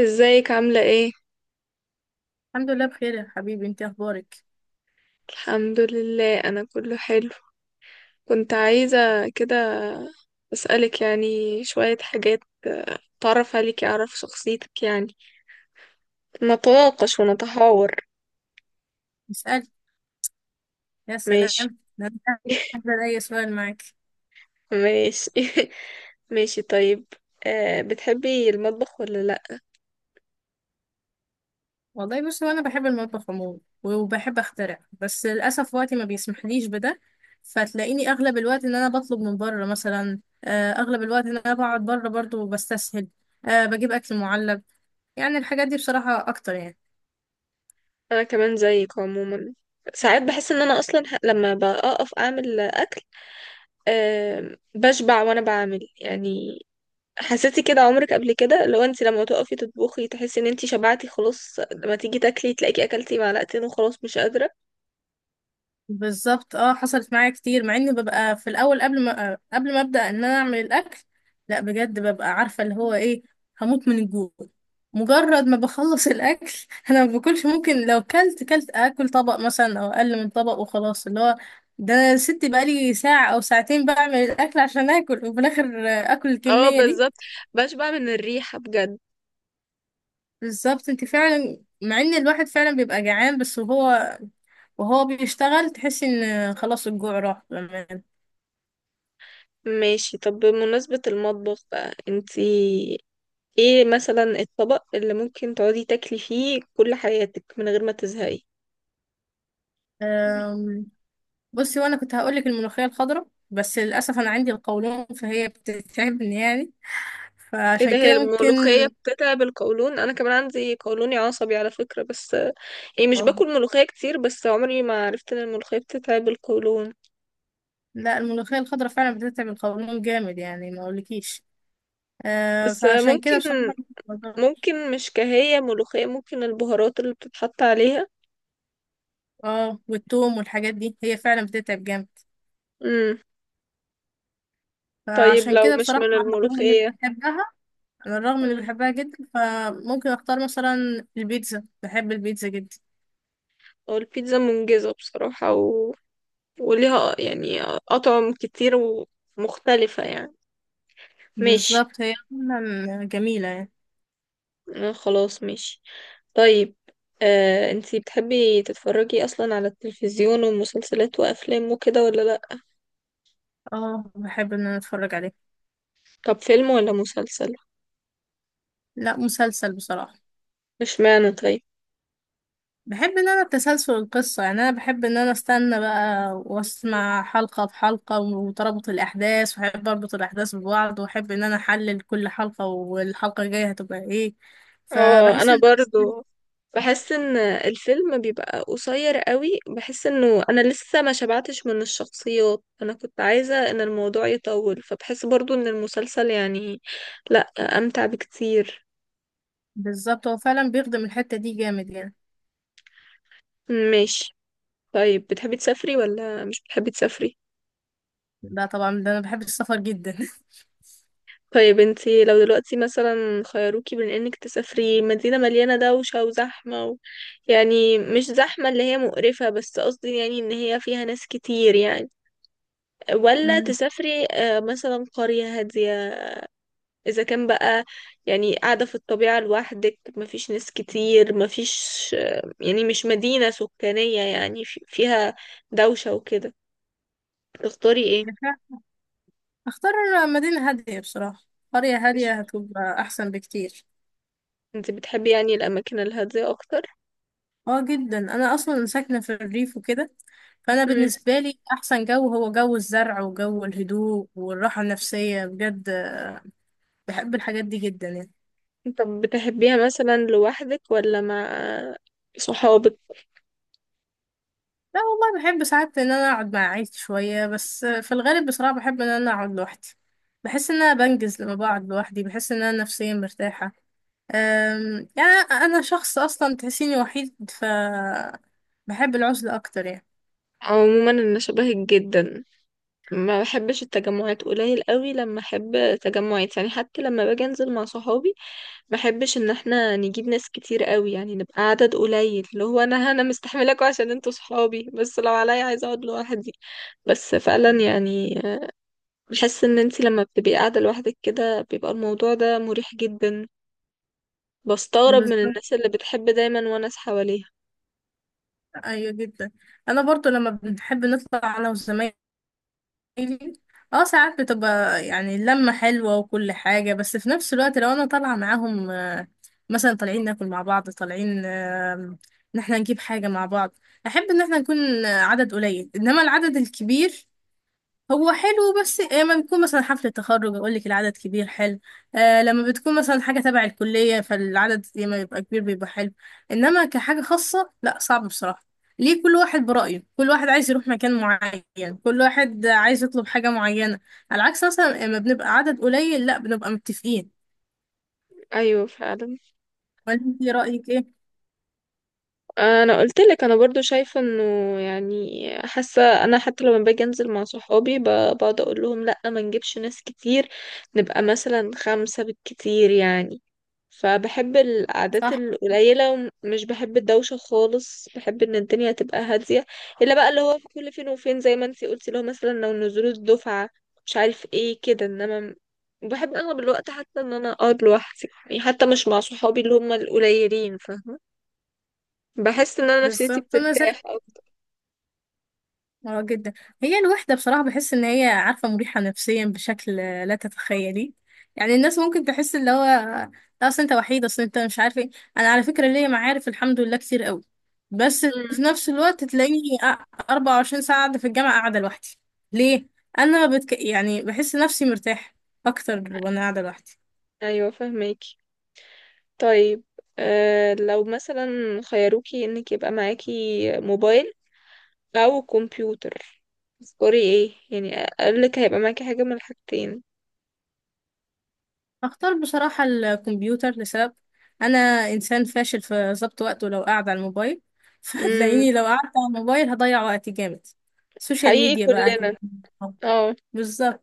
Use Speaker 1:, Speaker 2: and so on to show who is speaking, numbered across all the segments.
Speaker 1: ازيك عاملة ايه؟
Speaker 2: الحمد لله بخير يا حبيبي، انت اخبارك؟
Speaker 1: الحمد لله، انا كله حلو. كنت عايزة كده اسألك يعني شوية حاجات. اتعرف عليك، اعرف شخصيتك، يعني نتناقش ونتحاور.
Speaker 2: اسألي. يا
Speaker 1: ماشي.
Speaker 2: سلام، ده انا هقدر اي سؤال معاك.
Speaker 1: ماشي. ماشي طيب. بتحبي المطبخ ولا لا؟
Speaker 2: والله بصي، وانا بحب المطبخ عموما وبحب اخترع، بس للاسف وقتي ما بيسمحليش بده. فتلاقيني اغلب الوقت ان انا بطلب من بره مثلا، اغلب الوقت ان انا بقعد بره برضو بستسهل. أه بجيب اكل معلب. يعني الحاجات دي بصراحة اكتر يعني.
Speaker 1: انا كمان زيك عموما. ساعات بحس ان انا اصلا لما بقف اعمل اكل. بشبع وانا بعمل، يعني حسيتي كده عمرك قبل كده؟ لو انت لما تقفي تطبخي تحسي ان انت شبعتي خلاص، لما تيجي تاكلي تلاقيكي اكلتي معلقتين وخلاص مش قادرة.
Speaker 2: بالظبط اه، حصلت معايا كتير، مع اني ببقى في الاول قبل ما ابدا ان انا اعمل الاكل. لا بجد ببقى عارفه اللي هو ايه، هموت من الجوع. مجرد ما بخلص الاكل انا ما باكلش. ممكن لو كلت، كلت اكل طبق مثلا او اقل من طبق وخلاص، اللي هو ده انا يا ستي بقالي ساعه او ساعتين بعمل الاكل عشان اكل، وفي الاخر اكل
Speaker 1: اه
Speaker 2: الكميه دي.
Speaker 1: بالظبط، بشبع من الريحة بجد.
Speaker 2: بالظبط انت فعلا، مع ان الواحد فعلا بيبقى جعان، بس وهو وهو بيشتغل تحسي ان خلاص الجوع راح.
Speaker 1: ماشي. طب بمناسبة المطبخ بقى، انت ايه مثلا الطبق اللي ممكن تقعدي تاكلي فيه كل حياتك من غير ما تزهقي؟
Speaker 2: أم، بصي وانا كنت هقولك الملوخية الخضراء، بس للأسف أنا عندي القولون، فهي بتتعبني يعني.
Speaker 1: ايه
Speaker 2: فعشان
Speaker 1: ده، هي
Speaker 2: كده ممكن
Speaker 1: الملوخية بتتعب بالقولون؟ انا كمان عندي قولوني عصبي على فكرة، بس يعني مش
Speaker 2: اه،
Speaker 1: باكل ملوخية كتير، بس عمري ما عرفت ان الملوخية بتتعب القولون.
Speaker 2: لا الملوخية الخضراء فعلا بتتعب القولون جامد يعني ما أقولكيش. أه
Speaker 1: بس
Speaker 2: فعشان كده بصراحة
Speaker 1: ممكن مش كهية ملوخية، ممكن البهارات اللي بتتحط عليها.
Speaker 2: اه، والثوم والحاجات دي هي فعلا بتتعب جامد.
Speaker 1: امم. طيب
Speaker 2: فعشان
Speaker 1: لو
Speaker 2: كده
Speaker 1: مش
Speaker 2: بصراحة
Speaker 1: من
Speaker 2: على الرغم إني
Speaker 1: الملوخية.
Speaker 2: بحبها، على الرغم إني
Speaker 1: مم.
Speaker 2: بحبها جدا، فممكن أختار مثلا البيتزا، بحب البيتزا جدا.
Speaker 1: هو البيتزا منجزة بصراحة، و... وليها يعني أطعم كتير ومختلفة يعني. ماشي.
Speaker 2: بالظبط هي فعلا جميلة يعني.
Speaker 1: خلاص ماشي. طيب. انتي بتحبي تتفرجي أصلا على التلفزيون ومسلسلات وأفلام وكده ولا لأ؟
Speaker 2: اه بحب إن أنا أتفرج عليها.
Speaker 1: طب فيلم ولا مسلسل؟
Speaker 2: لا مسلسل بصراحة.
Speaker 1: مش معنى طيب.
Speaker 2: بحب ان انا تسلسل القصة، يعني انا بحب ان انا استنى بقى واسمع حلقة بحلقة وتربط الاحداث، واحب اربط الاحداث ببعض، واحب ان انا احلل كل حلقة والحلقة الجاية هتبقى ايه.
Speaker 1: اه
Speaker 2: فبحس
Speaker 1: انا
Speaker 2: ان
Speaker 1: برضو بحس ان الفيلم بيبقى قصير قوي، بحس انه انا لسه ما شبعتش من الشخصيات، انا كنت عايزة ان الموضوع يطول. فبحس برضو ان المسلسل يعني، لا، امتع بكتير.
Speaker 2: بالظبط هو فعلا بيخدم الحتة دي جامد يعني.
Speaker 1: ماشي. طيب بتحبي تسافري ولا مش بتحبي تسافري؟
Speaker 2: ده طبعا، ده انا بحب السفر جدا
Speaker 1: طيب انتي لو دلوقتي مثلا خيروكي بين انك تسافري مدينة مليانة دوشة وزحمة، و... يعني مش زحمة اللي هي مقرفة، بس قصدي يعني ان هي فيها ناس كتير يعني، ولا
Speaker 2: مم.
Speaker 1: تسافري مثلا قرية هادية، إذا كان بقى يعني قاعدة في الطبيعة لوحدك، مفيش ناس كتير، مفيش يعني مش مدينة سكانية يعني فيها دوشة وكده، تختاري ايه؟
Speaker 2: اختار مدينة هادية بصراحة. قرية هادية
Speaker 1: مش-
Speaker 2: هتبقى احسن بكتير.
Speaker 1: انت بتحبي يعني الأماكن الهادية أكتر؟
Speaker 2: اه جدا، انا اصلا ساكنه في الريف وكده. فانا
Speaker 1: مم.
Speaker 2: بالنسبه لي احسن جو هو جو الزرع وجو الهدوء والراحه النفسيه بجد. بحب الحاجات دي جدا يعني.
Speaker 1: طب بتحبيها مثلا لوحدك ولا مع صحابك؟
Speaker 2: لا والله بحب ساعات ان انا اقعد مع عيلتي شويه، بس في الغالب بصراحه بحب ان انا اقعد لوحدي. بحس ان انا بنجز لما بقعد لوحدي، بحس ان انا نفسيا مرتاحه. يعني انا شخص اصلا تحسيني وحيد، ف بحب العزله اكتر يعني.
Speaker 1: عموما أنا شبهك جدا، ما بحبش التجمعات. قليل قوي لما أحب تجمعات، يعني حتى لما باجي أنزل مع صحابي بحبش ان احنا نجيب ناس كتير قوي، يعني نبقى عدد قليل، اللي هو انا مستحملاكوا عشان انتوا صحابي، بس لو عليا عايزه اقعد لوحدي. بس فعلا يعني بحس ان انتي لما بتبقي قاعده لوحدك كده بيبقى الموضوع ده مريح جدا. بستغرب من
Speaker 2: بالظبط.
Speaker 1: الناس اللي بتحب دايما وناس حواليها.
Speaker 2: ايوه جدا. انا برضو لما بنحب نطلع انا وزمايلي، اه ساعات بتبقى يعني اللمة حلوة وكل حاجة، بس في نفس الوقت لو انا طالعة معاهم، مثلا طالعين ناكل مع بعض، طالعين ان احنا نجيب حاجة مع بعض، احب ان احنا نكون عدد قليل. انما العدد الكبير هو حلو، بس لما بتكون مثلا حفلة تخرج اقول لك العدد كبير حلو. آه لما بتكون مثلا حاجة تبع الكلية، فالعدد لما يبقى كبير بيبقى حلو. انما كحاجة خاصة لا، صعب بصراحة. ليه؟ كل واحد برأيه، كل واحد عايز يروح مكان معين، كل واحد عايز يطلب حاجة معينة. على العكس مثلا لما بنبقى عدد قليل، لا بنبقى متفقين.
Speaker 1: ايوه فعلا.
Speaker 2: وانت رأيك ايه؟
Speaker 1: انا قلت لك انا برضو شايفه انه يعني حاسه انا، حتى لما باجي انزل مع صحابي بقعد اقول لهم لا، ما نجيبش ناس كتير، نبقى مثلا خمسه بالكتير يعني. فبحب القعدات
Speaker 2: صح.
Speaker 1: القليله، ومش بحب الدوشه خالص، بحب ان الدنيا تبقى هاديه. الا بقى اللي هو في كل فين وفين زي ما انتي قلتي، اللي هو مثلا لو نزول الدفعه مش عارف ايه كده، انما وبحب اغلب الوقت حتى ان انا اقعد لوحدي، يعني حتى مش مع صحابي اللي هم القليلين، فاهمه؟ بحس ان انا نفسيتي
Speaker 2: بالظبط. انا زي،
Speaker 1: بترتاح او...
Speaker 2: اه جدا. هي الوحدة بصراحة بحس ان هي عارفة مريحة نفسيا بشكل لا تتخيلي. يعني الناس ممكن تحس اللي هو لا، اصل انت وحيد، اصل انت مش عارف ايه. انا على فكرة ليا معارف الحمد لله كتير قوي، بس
Speaker 1: امم.
Speaker 2: في نفس الوقت تلاقيني 24 ساعة قاعدة في الجامعة، قاعدة لوحدي. ليه؟ يعني بحس نفسي مرتاحة اكتر وانا قاعدة لوحدي.
Speaker 1: ايوه فهماكي. طيب. آه لو مثلا خيروكي انك يبقى معاكي موبايل او كمبيوتر، تذكري ايه يعني، اقولك هيبقى معاكي حاجه من الحاجتين.
Speaker 2: هختار بصراحة الكمبيوتر لسبب. أنا إنسان فاشل في ضبط وقته لو قاعد على الموبايل
Speaker 1: امم،
Speaker 2: فهتلاقيني لو قعدت على الموبايل هضيع وقتي جامد. السوشيال
Speaker 1: حقيقي
Speaker 2: ميديا بقى
Speaker 1: كلنا.
Speaker 2: هتلاقيني.
Speaker 1: اه.
Speaker 2: بالظبط.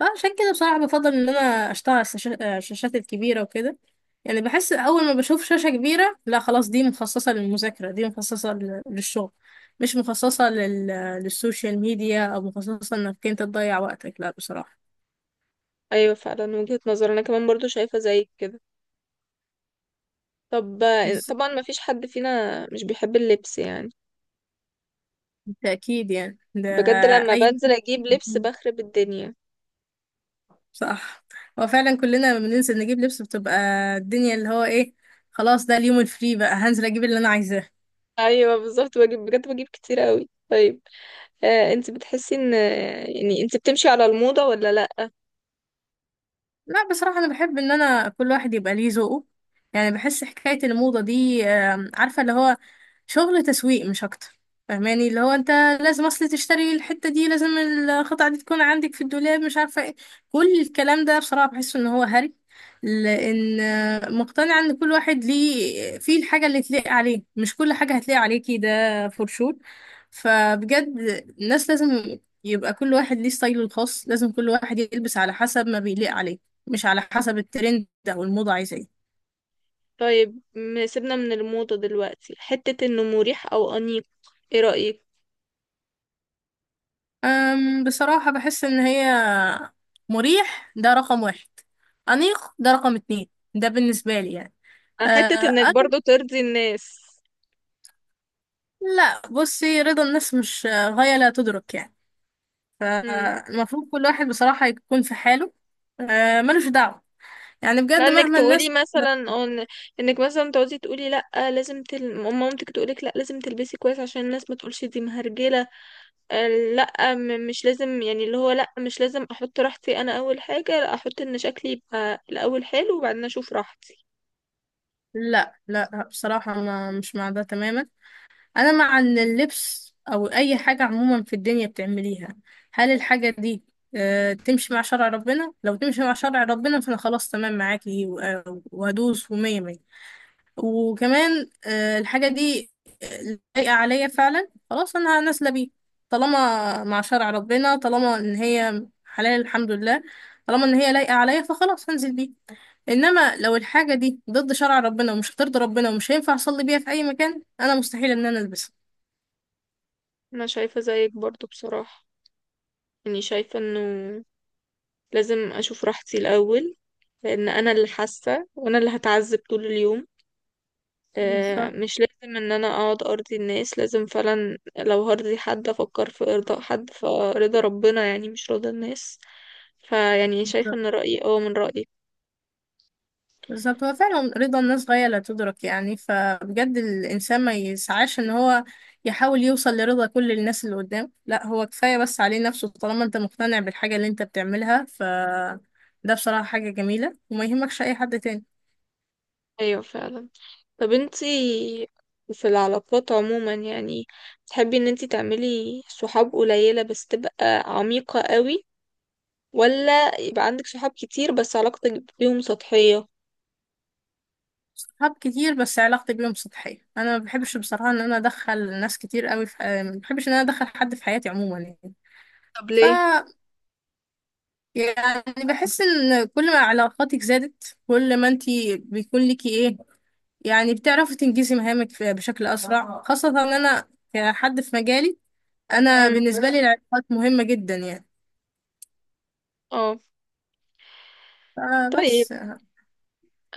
Speaker 2: فعشان كده بصراحة بفضل إن أنا أشتغل على الشاشات الكبيرة وكده. يعني بحس أول ما بشوف شاشة كبيرة، لا خلاص دي مخصصة للمذاكرة، دي مخصصة للشغل، مش مخصصة لل... للسوشيال ميديا، أو مخصصة إنك أنت تضيع وقتك لا بصراحة.
Speaker 1: ايوه فعلا وجهة نظر، انا كمان برضو شايفه زيك كده. طب طبعا ما فيش حد فينا مش بيحب اللبس، يعني
Speaker 2: بالتأكيد يعني ده.
Speaker 1: بجد لما
Speaker 2: أي،
Speaker 1: بنزل اجيب لبس بخرب الدنيا.
Speaker 2: صح. هو فعلا كلنا لما بننزل نجيب لبس بتبقى الدنيا اللي هو ايه، خلاص ده اليوم الفري بقى، هنزل اجيب اللي انا عايزاه.
Speaker 1: ايوه بالظبط بجيب، بجد بجيب كتير قوي. طيب انت بتحسي ان يعني انت بتمشي على الموضة ولا لا؟
Speaker 2: لا بصراحة أنا بحب إن أنا، كل واحد يبقى ليه ذوقه. يعني بحس حكاية الموضة دي، عارفة اللي هو شغل تسويق مش أكتر. فاهماني اللي هو أنت لازم، أصل تشتري الحتة دي، لازم القطعة دي تكون عندك في الدولاب، مش عارفة إيه. كل الكلام ده بصراحة بحس إن هو هري. لأن مقتنعة إن كل واحد ليه فيه الحاجة اللي تليق عليه، مش كل حاجة هتليق عليكي ده فور شور. فبجد الناس لازم يبقى كل واحد ليه ستايله الخاص، لازم كل واحد يلبس على حسب ما بيليق عليه، مش على حسب الترند او الموضة عايزة ايه.
Speaker 1: طيب سيبنا من الموضة دلوقتي. حتة انه مريح او انيق، ايه رأيك؟
Speaker 2: بصراحة بحس ان هي، مريح ده رقم واحد، أنيق ده رقم اتنين، ده بالنسبة لي يعني. أه،
Speaker 1: حتة انك
Speaker 2: أنا،
Speaker 1: برضو ترضي الناس.
Speaker 2: لا بصي رضا الناس مش غاية لا تدرك يعني.
Speaker 1: امم.
Speaker 2: فالمفروض كل واحد بصراحة يكون في حاله، ملوش دعوة. يعني بجد
Speaker 1: لانك
Speaker 2: مهما
Speaker 1: تقولي
Speaker 2: الناس،
Speaker 1: مثلا أو انك مثلا تقعدي تقولي لا، لازم مامتك تقولك لا لازم تلبسي كويس عشان الناس ما تقولش دي مهرجله. آه، لا مش لازم، يعني اللي هو لا مش لازم احط راحتي انا اول حاجه، لا احط ان شكلي يبقى الاول حلو وبعدين اشوف راحتي.
Speaker 2: لا لا بصراحة أنا مش مع ده تماما. انا مع إن اللبس او اي حاجة عموما في الدنيا بتعمليها، هل الحاجة دي تمشي مع شرع ربنا؟ لو تمشي مع شرع ربنا فانا خلاص تمام معاكي، وهدوس ومية مية. وكمان الحاجة دي لايقة عليا فعلا، خلاص انا نازلة بيه. طالما مع شرع ربنا، طالما ان هي حلال الحمد لله، طالما ان هي لايقة عليا، فخلاص هنزل بيه. انما لو الحاجة دي ضد شرع ربنا ومش هترضي ربنا ومش هينفع اصلي بيها في اي مكان، انا مستحيل ان انا البسها.
Speaker 1: انا شايفه زيك برضو بصراحه، يعني شايفة انه لازم اشوف راحتي الاول، لان انا اللي حاسة وانا اللي هتعذب طول اليوم.
Speaker 2: بالظبط.
Speaker 1: مش لازم ان انا اقعد ارضي الناس، لازم فعلا لو هرضي حد افكر في ارضاء حد، فرضا ربنا يعني مش رضا الناس. فيعني شايفة
Speaker 2: بالظبط.
Speaker 1: ان رأيي اه من رأيك.
Speaker 2: بالظبط هو فعلا رضا الناس غاية لا تدرك يعني. فبجد الإنسان ما يسعاش إن هو يحاول يوصل لرضا كل الناس اللي قدام، لا هو كفاية بس عليه نفسه. طالما أنت مقتنع بالحاجة اللي أنت بتعملها، ف ده بصراحة حاجة جميلة وما يهمكش أي حد تاني.
Speaker 1: ايوه فعلا. طب انتي في العلاقات عموما يعني تحبي ان انتي تعملي صحاب قليلة بس تبقى عميقة قوي، ولا يبقى عندك صحاب كتير بس علاقتك بيهم سطحية؟
Speaker 2: صحاب كتير بس علاقتي بيهم سطحية. أنا ما بحبش بصراحة إن أنا أدخل ناس كتير قوي في، ما بحبش إن أنا أدخل حد في حياتي عموما يعني.
Speaker 1: طب
Speaker 2: ف
Speaker 1: ليه؟
Speaker 2: يعني بحس إن كل ما علاقاتك زادت كل ما أنتي بيكون ليكي إيه، يعني بتعرفي تنجزي مهامك بشكل أسرع. خاصة إن أنا كحد في مجالي، أنا
Speaker 1: امم.
Speaker 2: بالنسبة لي العلاقات مهمة جدا يعني.
Speaker 1: اه. طيب
Speaker 2: فبس.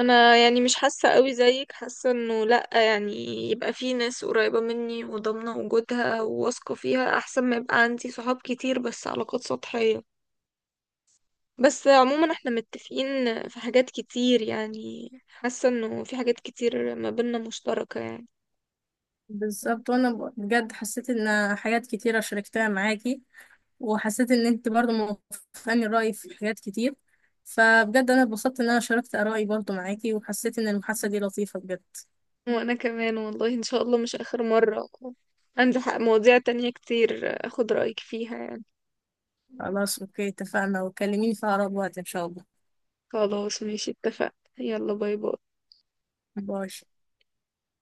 Speaker 1: انا يعني مش حاسه قوي زيك، حاسه انه لا يعني يبقى في ناس قريبه مني وضامنه وجودها وواثقه فيها، احسن ما يبقى عندي صحاب كتير بس علاقات سطحيه. بس عموما احنا متفقين في حاجات كتير، يعني حاسه انه في حاجات كتير ما بيننا مشتركه يعني.
Speaker 2: بالظبط. وأنا بجد حسيت إن حاجات كتيرة شاركتها معاكي، وحسيت إن أنت برضو موافقاني الرأي في حاجات كتير. فبجد أنا اتبسطت إن أنا شاركت آرائي برضو معاكي، وحسيت إن المحادثة دي لطيفة بجد.
Speaker 1: وانا كمان والله، ان شاء الله مش اخر مره، عندي حق مواضيع تانية كتير اخد رايك فيها يعني.
Speaker 2: خلاص أوكي اتفقنا، وكلميني في أقرب وقت إن شاء الله.
Speaker 1: خلاص ماشي اتفقنا. يلا باي باي.
Speaker 2: باي.